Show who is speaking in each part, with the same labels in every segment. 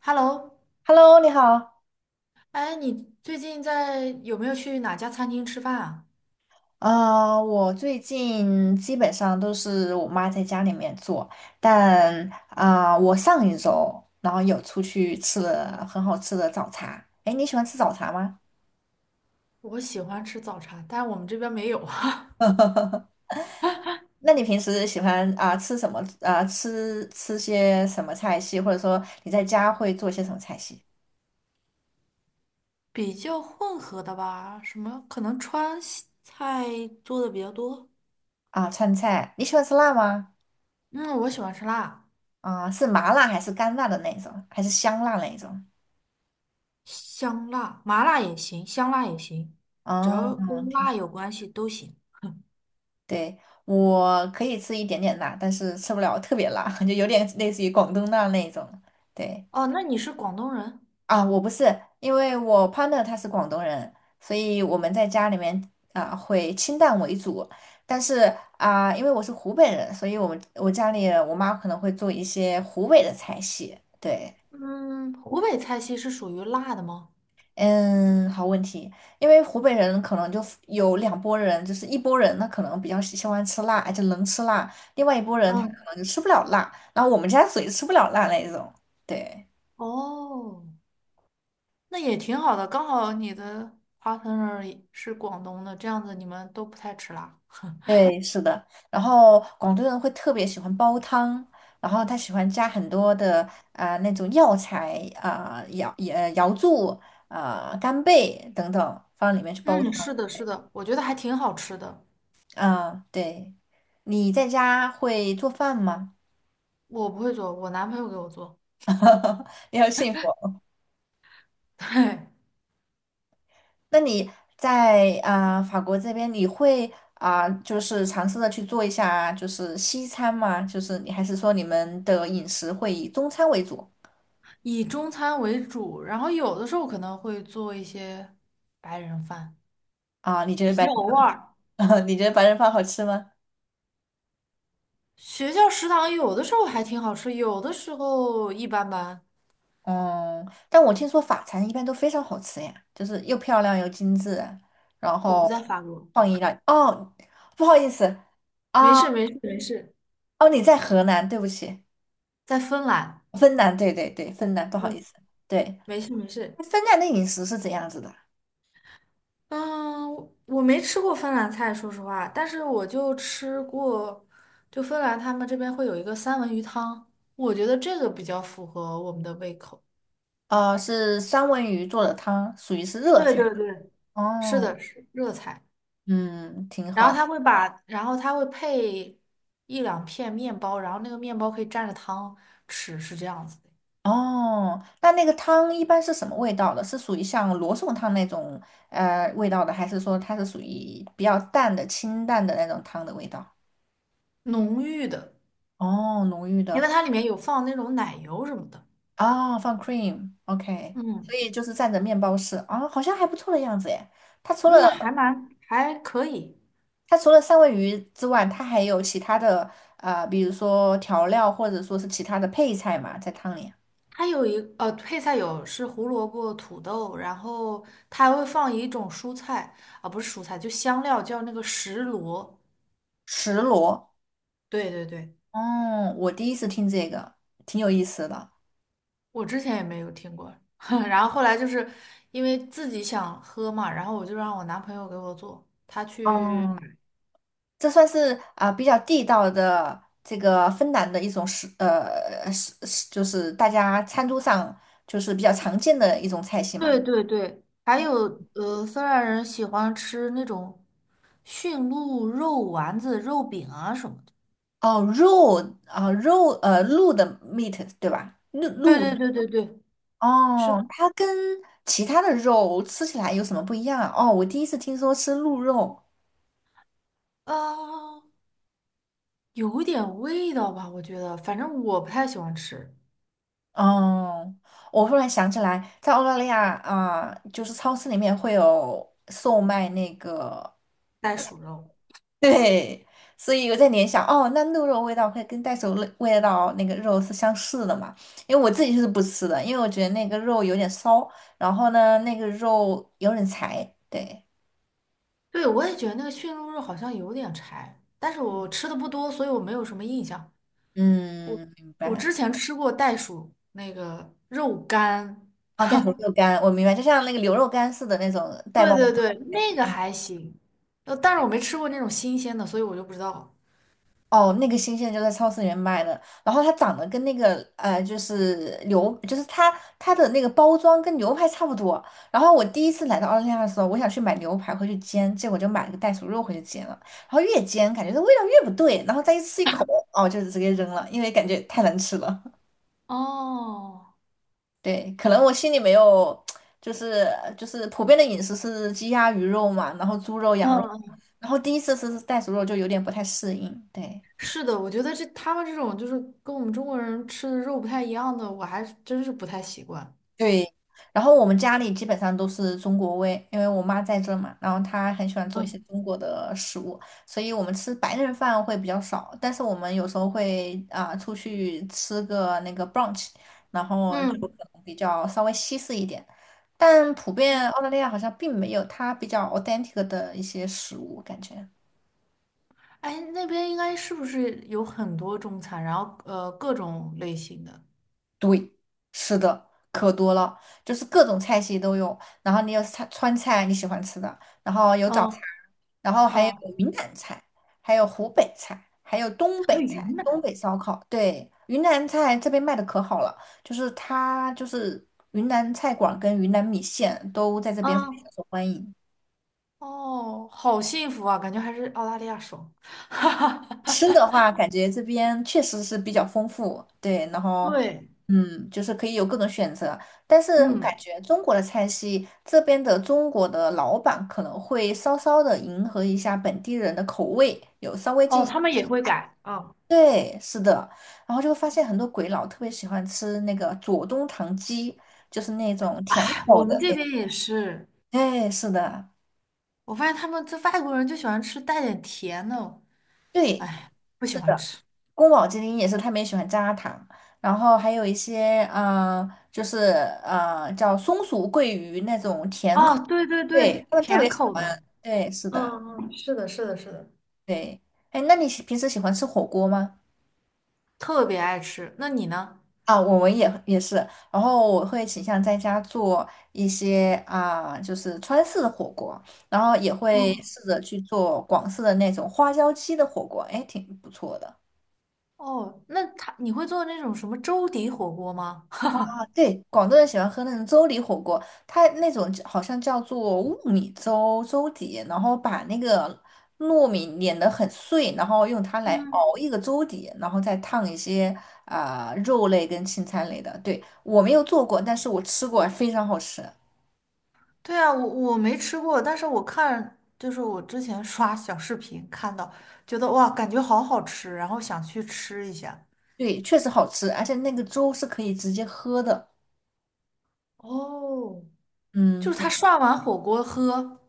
Speaker 1: Hello，
Speaker 2: Hello，你好。
Speaker 1: 哎，你最近在有没有去哪家餐厅吃饭啊？
Speaker 2: 我最近基本上都是我妈在家里面做，但我上一周然后有出去吃了很好吃的早茶。哎，你喜欢吃早茶吗？
Speaker 1: 我喜欢吃早茶，但是我们这边没有啊。
Speaker 2: 那你平时喜欢吃什么？吃些什么菜系，或者说你在家会做些什么菜系？
Speaker 1: 比较混合的吧，什么可能川西菜做的比较多。
Speaker 2: 川菜，你喜欢吃辣吗？
Speaker 1: 嗯，我喜欢吃辣，
Speaker 2: 是麻辣还是干辣的那种，还是香辣那种？
Speaker 1: 香辣、麻辣也行，香辣也行，只要
Speaker 2: 哦，
Speaker 1: 跟辣有关系都行。
Speaker 2: 对，我可以吃一点点辣，但是吃不了特别辣，就有点类似于广东辣那种。对
Speaker 1: 哦，那你是广东人？
Speaker 2: 啊，我不是，因为我 partner 他是广东人，所以我们在家里面会清淡为主。但是因为我是湖北人，所以我们我家里我妈可能会做一些湖北的菜系。对。
Speaker 1: 嗯，湖北菜系是属于辣的吗？
Speaker 2: 嗯，好问题，因为湖北人可能就有两拨人，就是一拨人他可能比较喜欢吃辣，而且能吃辣；另外一拨人他可
Speaker 1: 嗯，
Speaker 2: 能就吃不了辣，然后我们家属于吃不了辣那一种。对，
Speaker 1: 哦。那也挺好的，刚好你的 partner 也是广东的，这样子你们都不太吃辣。
Speaker 2: 对，是的。然后广东人会特别喜欢煲汤，然后他喜欢加很多的那种药材、瑶柱、干贝等等放里面去煲汤。
Speaker 1: 嗯，是的，是的，我觉得还挺好吃的。
Speaker 2: 对，你在家会做饭吗？
Speaker 1: 我不会做，我男朋友给我做。
Speaker 2: 你好幸福。
Speaker 1: 对，
Speaker 2: 那你在法国这边，你会就是尝试着去做一下就是西餐吗？就是你还是说你们的饮食会以中餐为主。
Speaker 1: 以中餐为主，然后有的时候可能会做一些白人饭，
Speaker 2: 你觉得
Speaker 1: 比
Speaker 2: 白
Speaker 1: 较偶尔。
Speaker 2: 你觉得白人饭好吃吗？
Speaker 1: 学校食堂有的时候还挺好吃，有的时候一般般。
Speaker 2: 嗯，但我听说法餐一般都非常好吃呀，就是又漂亮又精致，然
Speaker 1: 我不在
Speaker 2: 后
Speaker 1: 法国，
Speaker 2: 创意料。哦，不好意思
Speaker 1: 没
Speaker 2: 啊，
Speaker 1: 事没事没事，
Speaker 2: 哦，你在河南，对不起，
Speaker 1: 在芬兰。
Speaker 2: 芬兰，对对对，芬兰，不好
Speaker 1: 嗯，
Speaker 2: 意思，对，
Speaker 1: 没事没事。
Speaker 2: 芬兰的饮食是怎样子的？
Speaker 1: 嗯，我没吃过芬兰菜，说实话，但是我就吃过，就芬兰他们这边会有一个三文鱼汤，我觉得这个比较符合我们的胃口。
Speaker 2: 哦，是三文鱼做的汤，属于是热
Speaker 1: 对
Speaker 2: 菜。
Speaker 1: 对对，是
Speaker 2: 哦，
Speaker 1: 的，是热菜，
Speaker 2: 嗯，挺
Speaker 1: 然后
Speaker 2: 好。
Speaker 1: 他会把，然后他会配一两片面包，然后那个面包可以蘸着汤吃，是这样子的，
Speaker 2: 哦，那那个汤一般是什么味道的？是属于像罗宋汤那种味道的，还是说它是属于比较淡的、清淡的那种汤的味道？
Speaker 1: 浓郁的，
Speaker 2: 哦，浓郁
Speaker 1: 因为
Speaker 2: 的。
Speaker 1: 它里面有放那种奶油什么的。
Speaker 2: 哦，放 cream，OK，所
Speaker 1: 嗯，
Speaker 2: 以就是蘸着面包吃，好像还不错的样子诶。它除了
Speaker 1: 那还蛮还可以。
Speaker 2: 它除了三文鱼之外，它还有其他的比如说调料或者说是其他的配菜嘛，在汤里。
Speaker 1: 它有配菜有是胡萝卜、土豆，然后它还会放一种蔬菜啊，不是蔬菜，就香料叫那个石螺。
Speaker 2: 石螺。
Speaker 1: 对对对，
Speaker 2: 哦，我第一次听这个，挺有意思的。
Speaker 1: 我之前也没有听过。然后后来就是因为自己想喝嘛，然后我就让我男朋友给我做，他去
Speaker 2: 哦，
Speaker 1: 买。
Speaker 2: 这算是比较地道的这个芬兰的一种食，就是大家餐桌上就是比较常见的一种菜系嘛。
Speaker 1: 对对对，还有芬兰人喜欢吃那种驯鹿肉丸子、肉饼啊什么的。
Speaker 2: 哦，肉啊、肉呃鹿的 meat 对吧？
Speaker 1: 对对对对对，是
Speaker 2: 哦，它跟其他的肉吃起来有什么不一样啊？哦，我第一次听说吃鹿肉。
Speaker 1: 啊。有点味道吧，我觉得，反正我不太喜欢吃
Speaker 2: 哦，我忽然想起来，在澳大利亚啊，就是超市里面会有售卖那个，
Speaker 1: 袋鼠肉。
Speaker 2: 对，所以我在联想，哦，那鹿肉味道会跟袋鼠味道那个肉是相似的嘛？因为我自己是不吃的，因为我觉得那个肉有点骚，然后呢，那个肉有点柴，对，
Speaker 1: 对，我也觉得那个驯鹿肉好像有点柴，但是我吃的不多，所以我没有什么印象。
Speaker 2: 嗯，明
Speaker 1: 我
Speaker 2: 白。
Speaker 1: 之前吃过袋鼠那个肉干，
Speaker 2: 哦，袋鼠肉干，我明白，就像那个牛肉干似的那种袋
Speaker 1: 对
Speaker 2: 包装。
Speaker 1: 对对，那个还行。呃，但是我没吃过那种新鲜的，所以我就不知道。
Speaker 2: 哦，那个新鲜就在超市里面卖的，然后它长得跟那个就是牛，就是它的那个包装跟牛排差不多。然后我第一次来到澳大利亚的时候，我想去买牛排回去煎，结果就买了个袋鼠肉回去煎了。然后越煎感觉这味道越不对，然后再一吃一口，哦，就直接扔了，因为感觉太难吃了。
Speaker 1: 哦，
Speaker 2: 对，可能我心里没有，就是就是普遍的饮食是鸡鸭鱼肉嘛，然后猪肉羊肉，
Speaker 1: 嗯，
Speaker 2: 然后第一次吃袋鼠肉就有点不太适应，对。
Speaker 1: 是的，我觉得这他们这种就是跟我们中国人吃的肉不太一样的，我还真是不太习惯。
Speaker 2: 对，然后我们家里基本上都是中国味，因为我妈在这儿嘛，然后她很喜欢做一些
Speaker 1: 嗯，
Speaker 2: 中国的食物，所以我们吃白人饭会比较少，但是我们有时候会出去吃个那个 brunch，然后就可
Speaker 1: 嗯。
Speaker 2: 能比较稍微西式一点，但普遍澳大利亚好像并没有它比较 authentic 的一些食物感觉。
Speaker 1: 哎，那边应该是不是有很多中餐，然后呃各种类型的？
Speaker 2: 对，是的，可多了，就是各种菜系都有。然后你有菜川菜你喜欢吃的，然后有早餐，
Speaker 1: 嗯
Speaker 2: 然后还有
Speaker 1: 嗯。
Speaker 2: 云南菜，还有湖北菜，还有东
Speaker 1: 还有
Speaker 2: 北菜，
Speaker 1: 云
Speaker 2: 东
Speaker 1: 南，
Speaker 2: 北烧烤。对，云南菜这边卖的可好了，就是它就是云南菜馆儿跟云南米线都在这边非
Speaker 1: 嗯，
Speaker 2: 常受欢迎。
Speaker 1: 哦，好幸福啊，感觉还是澳大利亚爽。哈哈
Speaker 2: 吃
Speaker 1: 哈，
Speaker 2: 的话，感觉这边确实是比较丰富，对，然后
Speaker 1: 对，
Speaker 2: 嗯，就是可以有各种选择。但是感
Speaker 1: 嗯，
Speaker 2: 觉中国的菜系，这边的中国的老板可能会稍稍的迎合一下本地人的口味，有稍微进
Speaker 1: 哦，他们
Speaker 2: 行。
Speaker 1: 也会改啊，
Speaker 2: 对，是的，然后就会发现很多鬼佬特别喜欢吃那个左宗棠鸡，就是那种甜口
Speaker 1: 我
Speaker 2: 的
Speaker 1: 们这
Speaker 2: 那。
Speaker 1: 边也是，
Speaker 2: 对，是的，
Speaker 1: 我发现他们这外国人就喜欢吃带点甜的，
Speaker 2: 对，
Speaker 1: 哎，不喜
Speaker 2: 是
Speaker 1: 欢
Speaker 2: 的。
Speaker 1: 吃。
Speaker 2: 宫保鸡丁也是他们也喜欢加糖，然后还有一些就是叫松鼠桂鱼那种甜口，
Speaker 1: 哦，对对
Speaker 2: 对，
Speaker 1: 对，
Speaker 2: 他们特
Speaker 1: 甜
Speaker 2: 别喜
Speaker 1: 口
Speaker 2: 欢。
Speaker 1: 的，
Speaker 2: 对，是的，
Speaker 1: 嗯嗯，是的，是的，是的，
Speaker 2: 对。哎，那你平时喜欢吃火锅吗？
Speaker 1: 特别爱吃。那你呢？
Speaker 2: 啊，我们也是，然后我会倾向在家做一些就是川式的火锅，然后也会
Speaker 1: 嗯。
Speaker 2: 试着去做广式的那种花椒鸡的火锅，哎，挺不错的。
Speaker 1: 哦，那他你会做那种什么粥底火锅吗？
Speaker 2: 对，广东人喜欢喝那种粥底火锅，它那种好像叫做雾米粥粥底，然后把那个糯米碾得很碎，然后用它来
Speaker 1: 嗯，
Speaker 2: 熬一个粥底，然后再烫一些肉类跟青菜类的。对，我没有做过，但是我吃过，非常好吃。
Speaker 1: 对啊，我没吃过，但是我看就是我之前刷小视频看到，觉得哇，感觉好好吃，然后想去吃一下。
Speaker 2: 对，确实好吃，而且那个粥是可以直接喝的。
Speaker 1: 哦，就
Speaker 2: 嗯，
Speaker 1: 是他涮完火锅喝，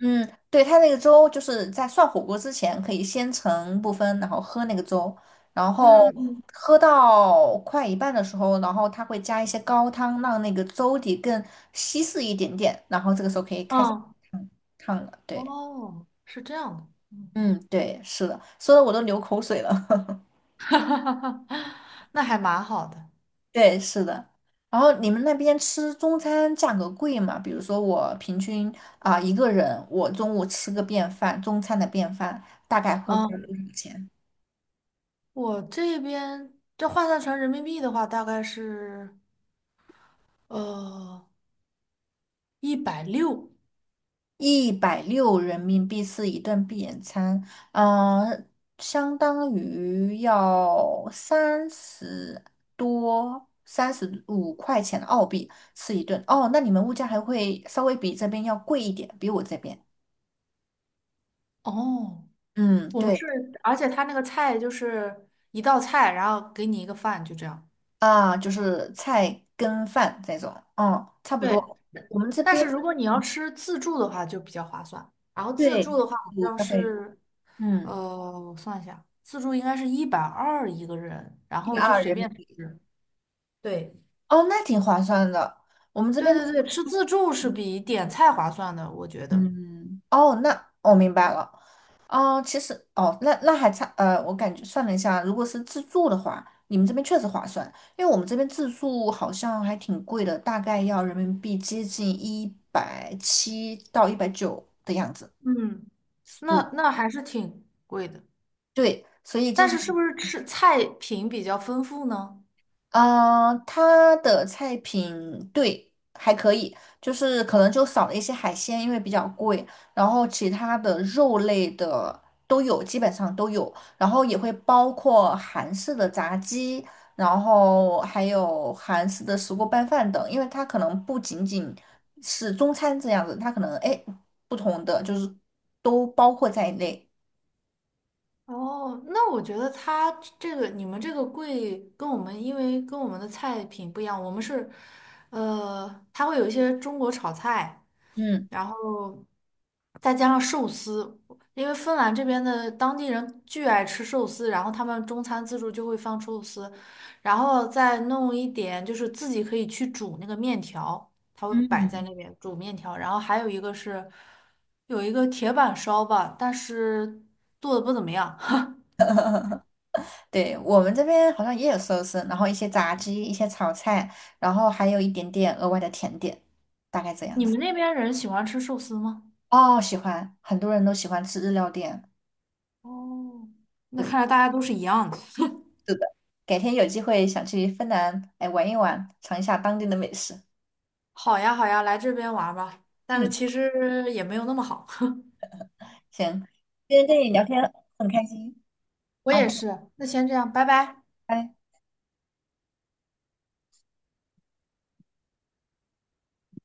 Speaker 2: 嗯，对，它那个粥就是在涮火锅之前可以先盛部分，然后喝那个粥，然后
Speaker 1: 嗯嗯
Speaker 2: 喝到快一半的时候，然后它会加一些高汤，让那个粥底更稀释一点点，然后这个时候可以开始
Speaker 1: 嗯，嗯
Speaker 2: 烫烫了。对，
Speaker 1: 哦，是这样的，嗯。
Speaker 2: 嗯，对，是的，说的我都流口水了。
Speaker 1: 那还蛮好的。
Speaker 2: 对，是的。然后你们那边吃中餐价格贵吗？比如说我平均一个人，我中午吃个便饭，中餐的便饭大概会花
Speaker 1: 啊，
Speaker 2: 多少钱？
Speaker 1: 我这边这换算成人民币的话，大概是呃一百六。一百六
Speaker 2: 160人民币是一顿闭眼餐，嗯，相当于要三十多、35块钱澳币吃一顿。哦，那你们物价还会稍微比这边要贵一点，比我这边。
Speaker 1: 十哦。
Speaker 2: 嗯，
Speaker 1: 我们是，
Speaker 2: 对
Speaker 1: 而且他那个菜就是一道菜，然后给你一个饭，就这样。
Speaker 2: 啊，就是菜跟饭这种，嗯，差不
Speaker 1: 对，
Speaker 2: 多。我们这
Speaker 1: 但
Speaker 2: 边
Speaker 1: 是如果你要吃自助的话，就比较划算。然后自
Speaker 2: 对
Speaker 1: 助的话，好
Speaker 2: 五
Speaker 1: 像
Speaker 2: 块会，
Speaker 1: 是，
Speaker 2: 嗯，
Speaker 1: 呃，我算一下，自助应该是120一个人，然
Speaker 2: 一
Speaker 1: 后
Speaker 2: 百
Speaker 1: 就
Speaker 2: 二
Speaker 1: 随
Speaker 2: 人
Speaker 1: 便
Speaker 2: 民币。
Speaker 1: 吃。对，
Speaker 2: 哦，那挺划算的。我们这
Speaker 1: 对
Speaker 2: 边，
Speaker 1: 对对，吃自助是比点菜划算的，我觉得。
Speaker 2: 嗯，哦，那我明白了。哦，其实哦，那还差，我感觉算了一下，如果是自助的话，你们这边确实划算，因为我们这边自助好像还挺贵的，大概要人民币接近170到190的样子
Speaker 1: 嗯，那
Speaker 2: 住。
Speaker 1: 那还是挺贵的，
Speaker 2: 对，所以经
Speaker 1: 但
Speaker 2: 常。
Speaker 1: 是是不是吃菜品比较丰富呢？
Speaker 2: 嗯，它的菜品对还可以，就是可能就少了一些海鲜，因为比较贵。然后其他的肉类的都有，基本上都有。然后也会包括韩式的炸鸡，然后还有韩式的石锅拌饭等。因为它可能不仅仅是中餐这样子，它可能哎不同的就是都包括在内。
Speaker 1: 哦，那我觉得它这个你们这个贵跟我们，因为跟我们的菜品不一样，我们是，呃，它会有一些中国炒菜，
Speaker 2: 嗯。
Speaker 1: 然后再加上寿司，因为芬兰这边的当地人巨爱吃寿司，然后他们中餐自助就会放寿司，然后再弄一点就是自己可以去煮那个面条，它会摆在
Speaker 2: 嗯。
Speaker 1: 那边煮面条，然后还有一个是有一个铁板烧吧，但是做的不怎么样。
Speaker 2: 对，我们这边好像也有寿司，然后一些炸鸡，一些炒菜，然后还有一点点额外的甜点，大概这样
Speaker 1: 你
Speaker 2: 子。
Speaker 1: 们那边人喜欢吃寿司吗？
Speaker 2: 哦，喜欢，很多人都喜欢吃日料店。
Speaker 1: 哦，那
Speaker 2: 对，
Speaker 1: 看来大家都是一样的。
Speaker 2: 是的，改天有机会想去芬兰，哎，玩一玩，尝一下当地的美食。
Speaker 1: 好呀，好呀，来这边玩儿吧。但是
Speaker 2: 嗯，
Speaker 1: 其实也没有那么好。
Speaker 2: 行，今天跟你聊天很开心，
Speaker 1: 我也
Speaker 2: 好，
Speaker 1: 是，那先这样，拜拜。
Speaker 2: 拜拜。